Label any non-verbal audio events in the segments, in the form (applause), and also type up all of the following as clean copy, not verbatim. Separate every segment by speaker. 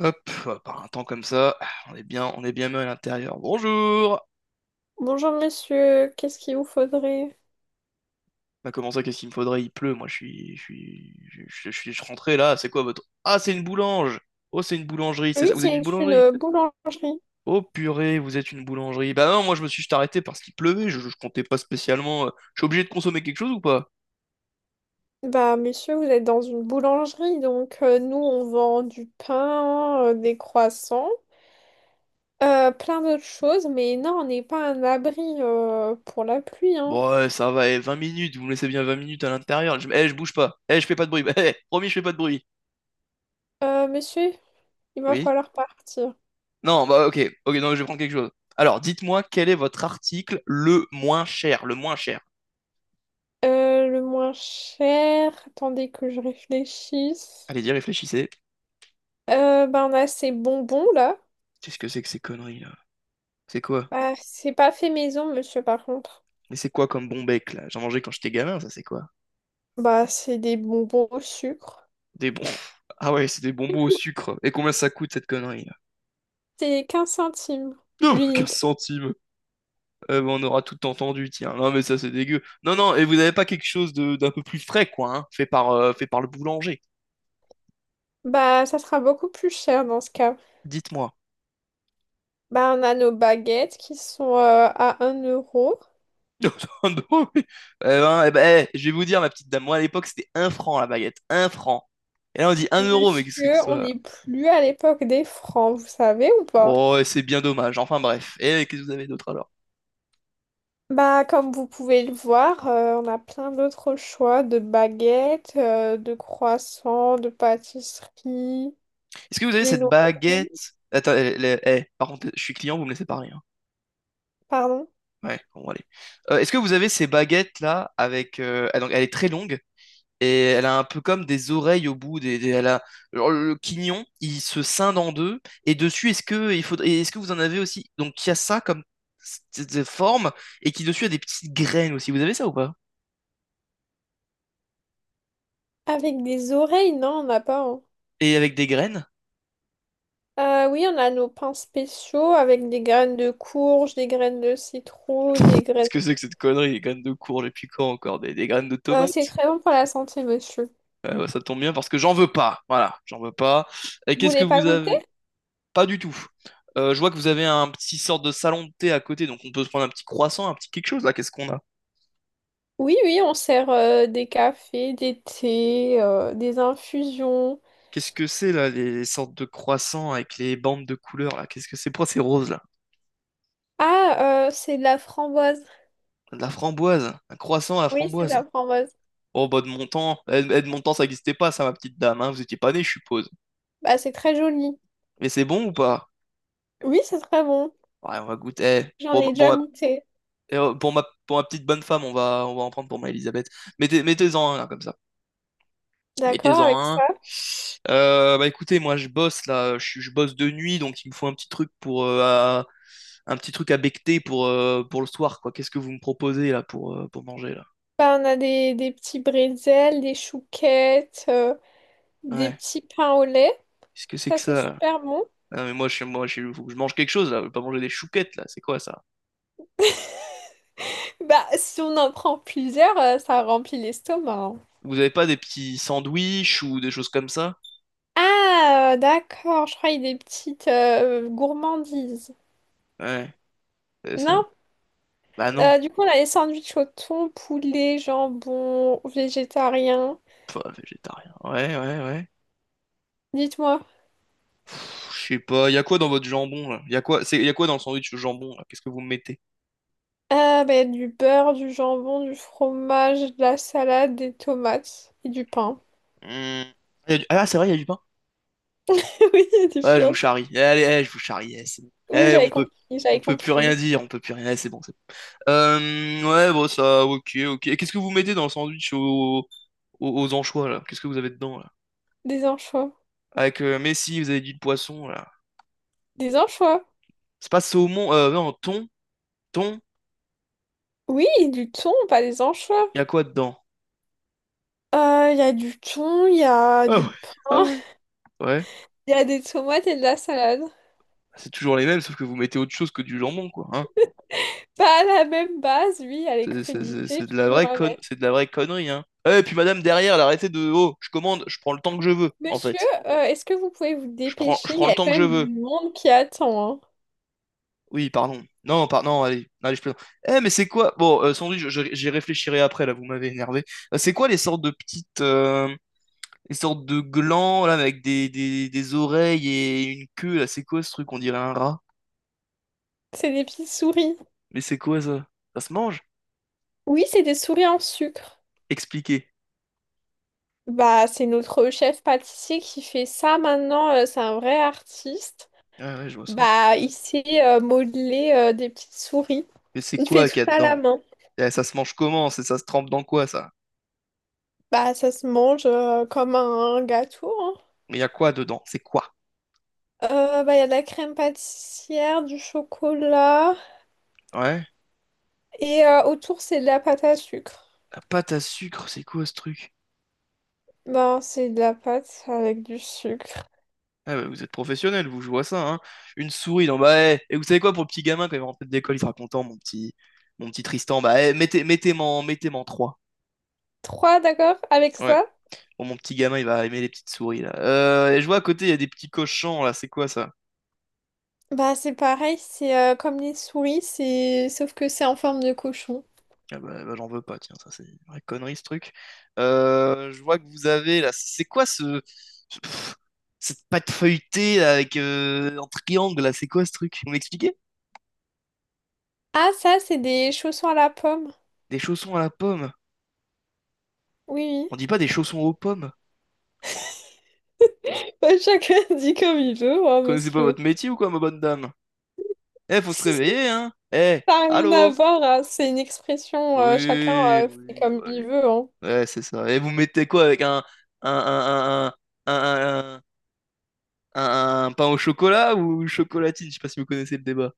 Speaker 1: Hop, par un temps comme ça, ah, on est bien mieux à l'intérieur. Bonjour!
Speaker 2: Bonjour monsieur, qu'est-ce qu'il vous faudrait?
Speaker 1: Bah comment ça, qu'est-ce qu'il me faudrait? Il pleut, moi je suis. Je suis. Je suis je suis rentré là, c'est quoi votre. Ah c'est une boulange! Oh c'est une boulangerie, c'est
Speaker 2: Oui,
Speaker 1: ça. Vous êtes
Speaker 2: c'est
Speaker 1: une boulangerie?
Speaker 2: boulangerie.
Speaker 1: Oh purée, vous êtes une boulangerie. Bah non, moi je me suis juste arrêté parce qu'il pleuvait, je comptais pas spécialement. Je suis obligé de consommer quelque chose ou pas?
Speaker 2: Bah monsieur, vous êtes dans une boulangerie, donc nous on vend du pain, des croissants, plein d'autres choses, mais non, on n'est pas un abri pour la pluie, hein.
Speaker 1: Bon ouais, ça va, eh, 20 minutes, vous me laissez bien 20 minutes à l'intérieur. Je... Eh, je bouge pas. Eh, je fais pas de bruit. (laughs) Eh, promis, je fais pas de bruit.
Speaker 2: Monsieur, il va
Speaker 1: Oui?
Speaker 2: falloir partir.
Speaker 1: Non, bah ok, ok, non, je vais prendre quelque chose. Alors, dites-moi quel est votre article le moins cher, le moins cher.
Speaker 2: Le moins cher, attendez que je réfléchisse.
Speaker 1: Allez-y, réfléchissez.
Speaker 2: Bah on a ces bonbons là.
Speaker 1: Qu'est-ce que c'est que ces conneries là? C'est quoi?
Speaker 2: Bah, c'est pas fait maison, monsieur, par contre.
Speaker 1: Mais c'est quoi comme bon bec là? J'en mangeais quand j'étais gamin, ça c'est quoi?
Speaker 2: Bah c'est des bonbons au sucre.
Speaker 1: Des bons. (laughs) Ah ouais, c'est des bonbons au sucre. Et combien ça coûte cette connerie là?
Speaker 2: C'est 15 centimes
Speaker 1: Non, bah, 15 (laughs)
Speaker 2: l'unité.
Speaker 1: centimes. Eh ben, on aura tout entendu, tiens. Non, mais ça c'est dégueu. Non, non, et vous avez pas quelque chose de d'un peu plus frais, quoi, hein, fait par le boulanger.
Speaker 2: Bah, ça sera beaucoup plus cher dans ce cas.
Speaker 1: Dites-moi.
Speaker 2: Bah, on a nos baguettes qui sont à un euro.
Speaker 1: (laughs) Nintendo, oui. Eh ben, eh ben, eh, je vais vous dire, ma petite dame, moi à l'époque c'était un franc la baguette, un franc. Et là on dit un euro, mais qu'est-ce que c'est que
Speaker 2: Monsieur, on
Speaker 1: ça?
Speaker 2: n'est plus à l'époque des francs, vous savez ou pas?
Speaker 1: Oh, c'est bien dommage, enfin bref. Et eh, qu'est-ce que vous avez d'autre alors?
Speaker 2: Bah, comme vous pouvez le voir, on a plein d'autres choix de baguettes, de croissants, de pâtisseries,
Speaker 1: Est-ce que vous avez cette
Speaker 2: viennoiseries,
Speaker 1: baguette? Attends, eh, les- eh, par contre, je suis client, vous me laissez parler, hein.
Speaker 2: pardon.
Speaker 1: Ouais, bon, allez. Est-ce que vous avez ces baguettes là avec. Ah, donc, elle est très longue et elle a un peu comme des oreilles au bout elle a alors, le quignon il se scinde en deux et dessus est-ce que il faudrait est-ce que vous en avez aussi donc il y a ça comme forme et qui dessus a des petites graines aussi vous avez ça ou pas
Speaker 2: Avec des oreilles, non, on n'a pas, hein.
Speaker 1: et avec des graines.
Speaker 2: Oui, on a nos pains spéciaux avec des graines de courge, des graines de citrouille, des
Speaker 1: Qu'est-ce
Speaker 2: graines...
Speaker 1: que c'est que cette connerie des graines de courge depuis quand encore des graines de
Speaker 2: C'est
Speaker 1: tomates.
Speaker 2: très bon pour la santé, monsieur.
Speaker 1: Bah, ça tombe bien parce que j'en veux pas voilà j'en veux pas et
Speaker 2: Vous
Speaker 1: qu'est-ce que
Speaker 2: voulez pas
Speaker 1: vous
Speaker 2: goûter?
Speaker 1: avez pas du tout. Je vois que vous avez un petit sorte de salon de thé à côté donc on peut se prendre un petit croissant un petit quelque chose là qu'est-ce qu'on a.
Speaker 2: Oui, oui, on sert des cafés, des thés, des infusions.
Speaker 1: Qu'est-ce que c'est là, les sortes de croissants avec les bandes de couleurs là? Qu'est-ce que c'est? Pourquoi c'est rose là?
Speaker 2: Ah, c'est de la framboise.
Speaker 1: De la framboise, un croissant à la
Speaker 2: Oui, c'est de
Speaker 1: framboise.
Speaker 2: la framboise.
Speaker 1: Oh bah de mon temps, eh, eh, de mon temps ça n'existait pas ça ma petite dame, hein, vous étiez pas née je suppose.
Speaker 2: Bah, c'est très joli.
Speaker 1: Mais c'est bon ou pas?
Speaker 2: Oui, c'est très bon.
Speaker 1: Ouais, on va goûter. Eh,
Speaker 2: J'en ai
Speaker 1: Pour
Speaker 2: déjà
Speaker 1: ma,
Speaker 2: goûté.
Speaker 1: eh, oh, pour ma petite bonne femme, on va en prendre pour ma Elisabeth. Mettez-en un là comme ça.
Speaker 2: D'accord
Speaker 1: Mettez-en
Speaker 2: avec
Speaker 1: un.
Speaker 2: ça?
Speaker 1: Bah écoutez, moi je bosse là, je bosse de nuit donc il me faut un petit truc pour un petit truc à becter pour le soir, quoi. Qu'est-ce que vous me proposez là pour manger là?
Speaker 2: Bah, on a des petits bretzels, des chouquettes, des
Speaker 1: Ouais.
Speaker 2: petits pains au lait.
Speaker 1: Qu'est-ce que c'est
Speaker 2: Ça,
Speaker 1: que
Speaker 2: c'est
Speaker 1: ça là?
Speaker 2: super bon.
Speaker 1: Ah, mais moi, faut que je mange quelque chose là. Je veux pas manger des chouquettes là. C'est quoi ça?
Speaker 2: Bah, si on en prend plusieurs, ça remplit l'estomac, hein.
Speaker 1: Vous avez pas des petits sandwichs ou des choses comme ça?
Speaker 2: Ah, d'accord, je croyais des petites gourmandises.
Speaker 1: Ouais, c'est
Speaker 2: Non,
Speaker 1: ça. Bah non.
Speaker 2: du coup, on a les sandwichs au thon, poulet, jambon, végétarien.
Speaker 1: Pff, végétarien. Ouais, ouais, ouais.
Speaker 2: Dites-moi.
Speaker 1: Pff, je sais pas. Y a quoi dans votre jambon là? Y a quoi, c'est, y a quoi dans le sandwich au jambon là? Qu'est-ce que vous me mettez?
Speaker 2: Ah, bah, du beurre, du jambon, du fromage, de la salade, des tomates et du pain.
Speaker 1: Hum. Ah, c'est vrai, y a du pain.
Speaker 2: (laughs) Oui, du
Speaker 1: Ouais, je
Speaker 2: pain.
Speaker 1: vous charrie. Allez, eh, je vous charrie. Eh, c'est bon.
Speaker 2: Oui,
Speaker 1: Eh,
Speaker 2: j'avais compris, j'avais
Speaker 1: on peut plus rien
Speaker 2: compris.
Speaker 1: dire. On peut plus rien. Eh, c'est bon. Ouais, bon, ça, ok, ok. Et qu'est-ce que vous mettez dans le sandwich aux anchois, là? Qu'est-ce que vous avez dedans, là?
Speaker 2: Des anchois.
Speaker 1: Avec Messi, vous avez dit le poisson, là.
Speaker 2: Des anchois.
Speaker 1: C'est pas saumon, non, thon,
Speaker 2: Oui, du thon, pas des anchois.
Speaker 1: y a quoi dedans?
Speaker 2: Il y a du thon, il y a
Speaker 1: Ah
Speaker 2: du
Speaker 1: ouais, ah
Speaker 2: pain.
Speaker 1: ouais. Ouais,
Speaker 2: Il y a des tomates et de la salade.
Speaker 1: c'est toujours les mêmes, sauf que vous mettez autre chose que du jambon, quoi, hein.
Speaker 2: Pas à la même base, lui, il y a les crudités,
Speaker 1: C'est de la
Speaker 2: toujours
Speaker 1: vraie
Speaker 2: à
Speaker 1: con...
Speaker 2: mettre.
Speaker 1: c'est de la vraie connerie, hein. Eh, et puis madame, derrière, elle, arrêtez de... Oh, je commande, je prends le temps que je veux, en
Speaker 2: Monsieur,
Speaker 1: fait.
Speaker 2: est-ce que vous pouvez vous
Speaker 1: Je
Speaker 2: dépêcher? Il
Speaker 1: prends
Speaker 2: y
Speaker 1: le
Speaker 2: a
Speaker 1: temps
Speaker 2: quand
Speaker 1: que je
Speaker 2: même
Speaker 1: veux.
Speaker 2: du monde qui attend, hein.
Speaker 1: Oui, pardon. Non, allez, je plaisante. Eh, mais c'est quoi? Bon, sans doute, j'y réfléchirai après, là, vous m'avez énervé. C'est quoi les sortes de petites... les sortes de glands, là, avec des oreilles et une queue, là, c'est quoi ce truc? On dirait un rat.
Speaker 2: C'est des petites souris.
Speaker 1: Mais c'est quoi, ça? Ça se mange?
Speaker 2: Oui, c'est des souris en sucre.
Speaker 1: Expliquez.
Speaker 2: Bah, c'est notre chef pâtissier qui fait ça maintenant. C'est un vrai artiste.
Speaker 1: Ah ouais, je vois ça.
Speaker 2: Bah, il sait modeler des petites souris.
Speaker 1: Mais c'est
Speaker 2: Il fait
Speaker 1: quoi
Speaker 2: tout
Speaker 1: qu'il y a
Speaker 2: ça à la
Speaker 1: dedans?
Speaker 2: main.
Speaker 1: Eh, ça se mange comment? C'est- Ça se trempe dans quoi, ça?
Speaker 2: Bah, ça se mange comme un gâteau, hein.
Speaker 1: Mais il y a quoi dedans? C'est quoi?
Speaker 2: Bah, il y a de la crème pâtissière, du chocolat.
Speaker 1: Ouais?
Speaker 2: Et autour, c'est de la pâte à sucre.
Speaker 1: La pâte à sucre, c'est quoi ce truc?
Speaker 2: Ben, c'est de la pâte avec du sucre.
Speaker 1: Ah bah, vous êtes professionnel, vous, je vois ça, hein. Une souris, non, bah, eh. Et vous savez quoi, pour le petit gamin, quand il va rentrer de l'école, il sera content, mon petit Tristan. Bah, eh, mettez-m'en trois.
Speaker 2: Trois, d'accord, avec
Speaker 1: Ouais.
Speaker 2: ça?
Speaker 1: Bon, mon petit gamin, il va aimer les petites souris, là. Et je vois à côté, il y a des petits cochons, là, c'est quoi ça?
Speaker 2: Bah, c'est pareil, c'est comme les souris, c'est sauf que c'est en forme de cochon.
Speaker 1: Ah bah, bah, j'en veux pas, tiens, ça, c'est une vraie connerie, ce truc. Je vois que vous avez, là, c'est quoi ce. ce- pff, cette pâte feuilletée, là, avec en triangle, là, c'est quoi ce truc? Vous m'expliquez?
Speaker 2: Ah, ça, c'est des chaussons à la pomme.
Speaker 1: Des chaussons à la pomme.
Speaker 2: Oui,
Speaker 1: On
Speaker 2: oui.
Speaker 1: dit pas des chaussons aux pommes.
Speaker 2: Bah, chacun (laughs) dit comme il veut, hein,
Speaker 1: Connaissez pas
Speaker 2: monsieur.
Speaker 1: votre métier ou quoi, ma bonne dame? Eh,
Speaker 2: (laughs)
Speaker 1: faut se
Speaker 2: Ça
Speaker 1: réveiller, hein? Eh,
Speaker 2: n'a rien à
Speaker 1: allô?
Speaker 2: voir, hein. C'est une expression, chacun
Speaker 1: Oui,
Speaker 2: fait
Speaker 1: oui,
Speaker 2: comme
Speaker 1: bon,
Speaker 2: il
Speaker 1: allez.
Speaker 2: veut, hein.
Speaker 1: Ouais, c'est ça. Et vous mettez quoi avec un, un, un, un, un, un pain au chocolat ou une chocolatine? Je sais pas si vous connaissez le débat.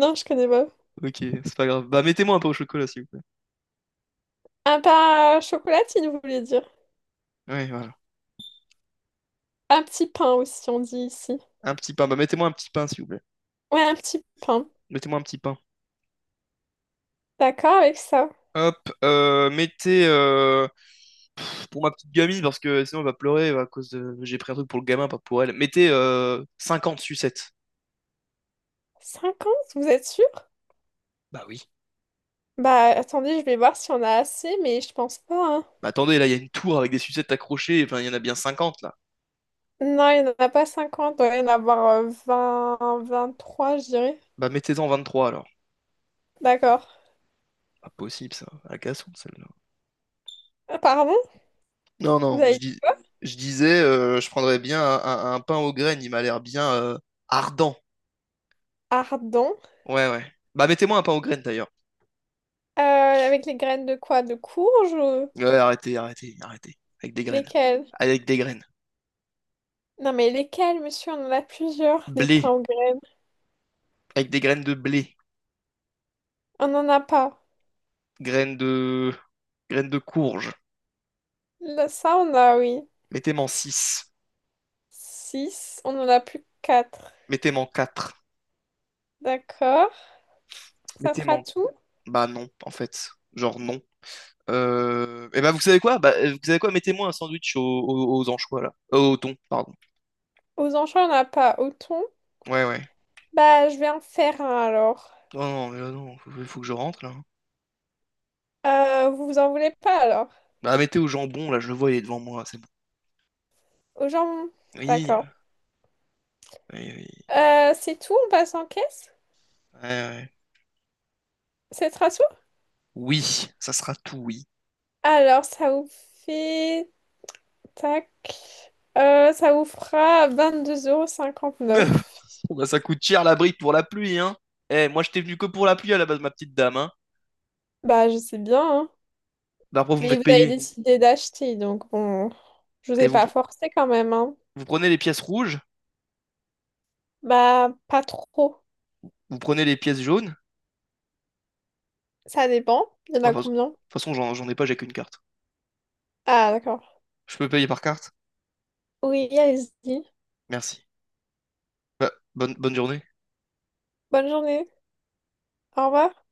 Speaker 2: Non, je connais pas.
Speaker 1: Ok, c'est pas grave. Bah, mettez-moi un pain au chocolat, s'il vous plaît.
Speaker 2: Un pain à chocolatine, vous voulez dire.
Speaker 1: Oui, voilà.
Speaker 2: Un petit pain aussi, on dit ici.
Speaker 1: Un petit pain. Bah, mettez-moi un petit pain, s'il vous plaît.
Speaker 2: Ouais, un petit pain.
Speaker 1: Mettez-moi un petit pain.
Speaker 2: D'accord avec ça.
Speaker 1: Hop, mettez pour ma petite gamine parce que sinon elle va pleurer à cause de j'ai pris un truc pour le gamin, pas pour elle. Mettez 50 sucettes.
Speaker 2: 50, vous êtes sûr?
Speaker 1: Bah oui.
Speaker 2: Bah attendez, je vais voir si on a assez, mais je pense pas, hein.
Speaker 1: Bah, attendez, là, il y a une tour avec des sucettes accrochées, enfin, il y en a bien 50 là.
Speaker 2: Non, il n'y en a pas 50, il doit y en avoir 23, je dirais.
Speaker 1: Bah, mettez-en 23 alors.
Speaker 2: D'accord.
Speaker 1: Pas possible, ça. À la cassonne, celle-là.
Speaker 2: Pardon?
Speaker 1: Non,
Speaker 2: Vous
Speaker 1: non, je
Speaker 2: avez dit
Speaker 1: dis... je prendrais bien un pain aux graines, il m'a l'air bien ardent.
Speaker 2: ardent.
Speaker 1: Ouais, ouais. Bah, mettez-moi un pain aux graines, d'ailleurs.
Speaker 2: Avec les graines de quoi? De courge ou
Speaker 1: Ouais, arrêtez. Avec des graines.
Speaker 2: lesquelles?
Speaker 1: Avec des graines.
Speaker 2: Non mais lesquelles, monsieur? On en a plusieurs, des pains
Speaker 1: Blé.
Speaker 2: aux graines.
Speaker 1: Avec des graines de blé.
Speaker 2: On n'en a pas.
Speaker 1: Graines de... Graines de courge.
Speaker 2: Là, ça, on a, oui.
Speaker 1: Mettez-moi en 6.
Speaker 2: 6. On en a plus que 4.
Speaker 1: Mettez-moi en 4.
Speaker 2: D'accord. Ça
Speaker 1: Mettez-moi...
Speaker 2: sera
Speaker 1: en...
Speaker 2: tout?
Speaker 1: Bah, non, en fait. Genre, non. Vous savez quoi? Mettez-moi un sandwich aux anchois là. Au thon, pardon.
Speaker 2: Aux anchois, on n'a pas. Au thon?
Speaker 1: Ouais, ouais.
Speaker 2: Bah, je vais en faire un alors.
Speaker 1: Oh non, mais là non, faut que je rentre là, hein.
Speaker 2: Vous vous en voulez pas alors?
Speaker 1: Bah mettez au jambon, là, je le vois, il est devant moi, c'est bon.
Speaker 2: Aux gens?
Speaker 1: Oui,
Speaker 2: D'accord.
Speaker 1: oui, oui.
Speaker 2: C'est tout, on passe en caisse?
Speaker 1: Ouais, ouais.
Speaker 2: C'est rassure?
Speaker 1: Oui, ça sera tout, oui.
Speaker 2: Alors, ça vous fait... Tac. Ça vous fera vingt-deux euros
Speaker 1: (laughs)
Speaker 2: cinquante-neuf.
Speaker 1: Bon, bah, ça coûte cher la brique pour la pluie, hein. Eh, moi j'étais venu que pour la pluie à la base, ma petite dame, hein.
Speaker 2: Bah, je sais bien, hein.
Speaker 1: Bah après vous me
Speaker 2: Mais
Speaker 1: faites
Speaker 2: vous avez
Speaker 1: payer.
Speaker 2: décidé d'acheter, donc bon... Je vous
Speaker 1: Et
Speaker 2: ai
Speaker 1: vous,
Speaker 2: pas forcé quand même, hein.
Speaker 1: vous prenez les pièces rouges,
Speaker 2: Bah, pas trop.
Speaker 1: vous prenez les pièces jaunes.
Speaker 2: Ça dépend. Il y en
Speaker 1: Bah,
Speaker 2: a
Speaker 1: de toute
Speaker 2: combien?
Speaker 1: façon, j'en ai pas, j'ai qu'une carte.
Speaker 2: Ah, d'accord.
Speaker 1: Je peux payer par carte?
Speaker 2: Oui, allez-y.
Speaker 1: Merci. Bonne journée.
Speaker 2: Bonne journée. Au revoir.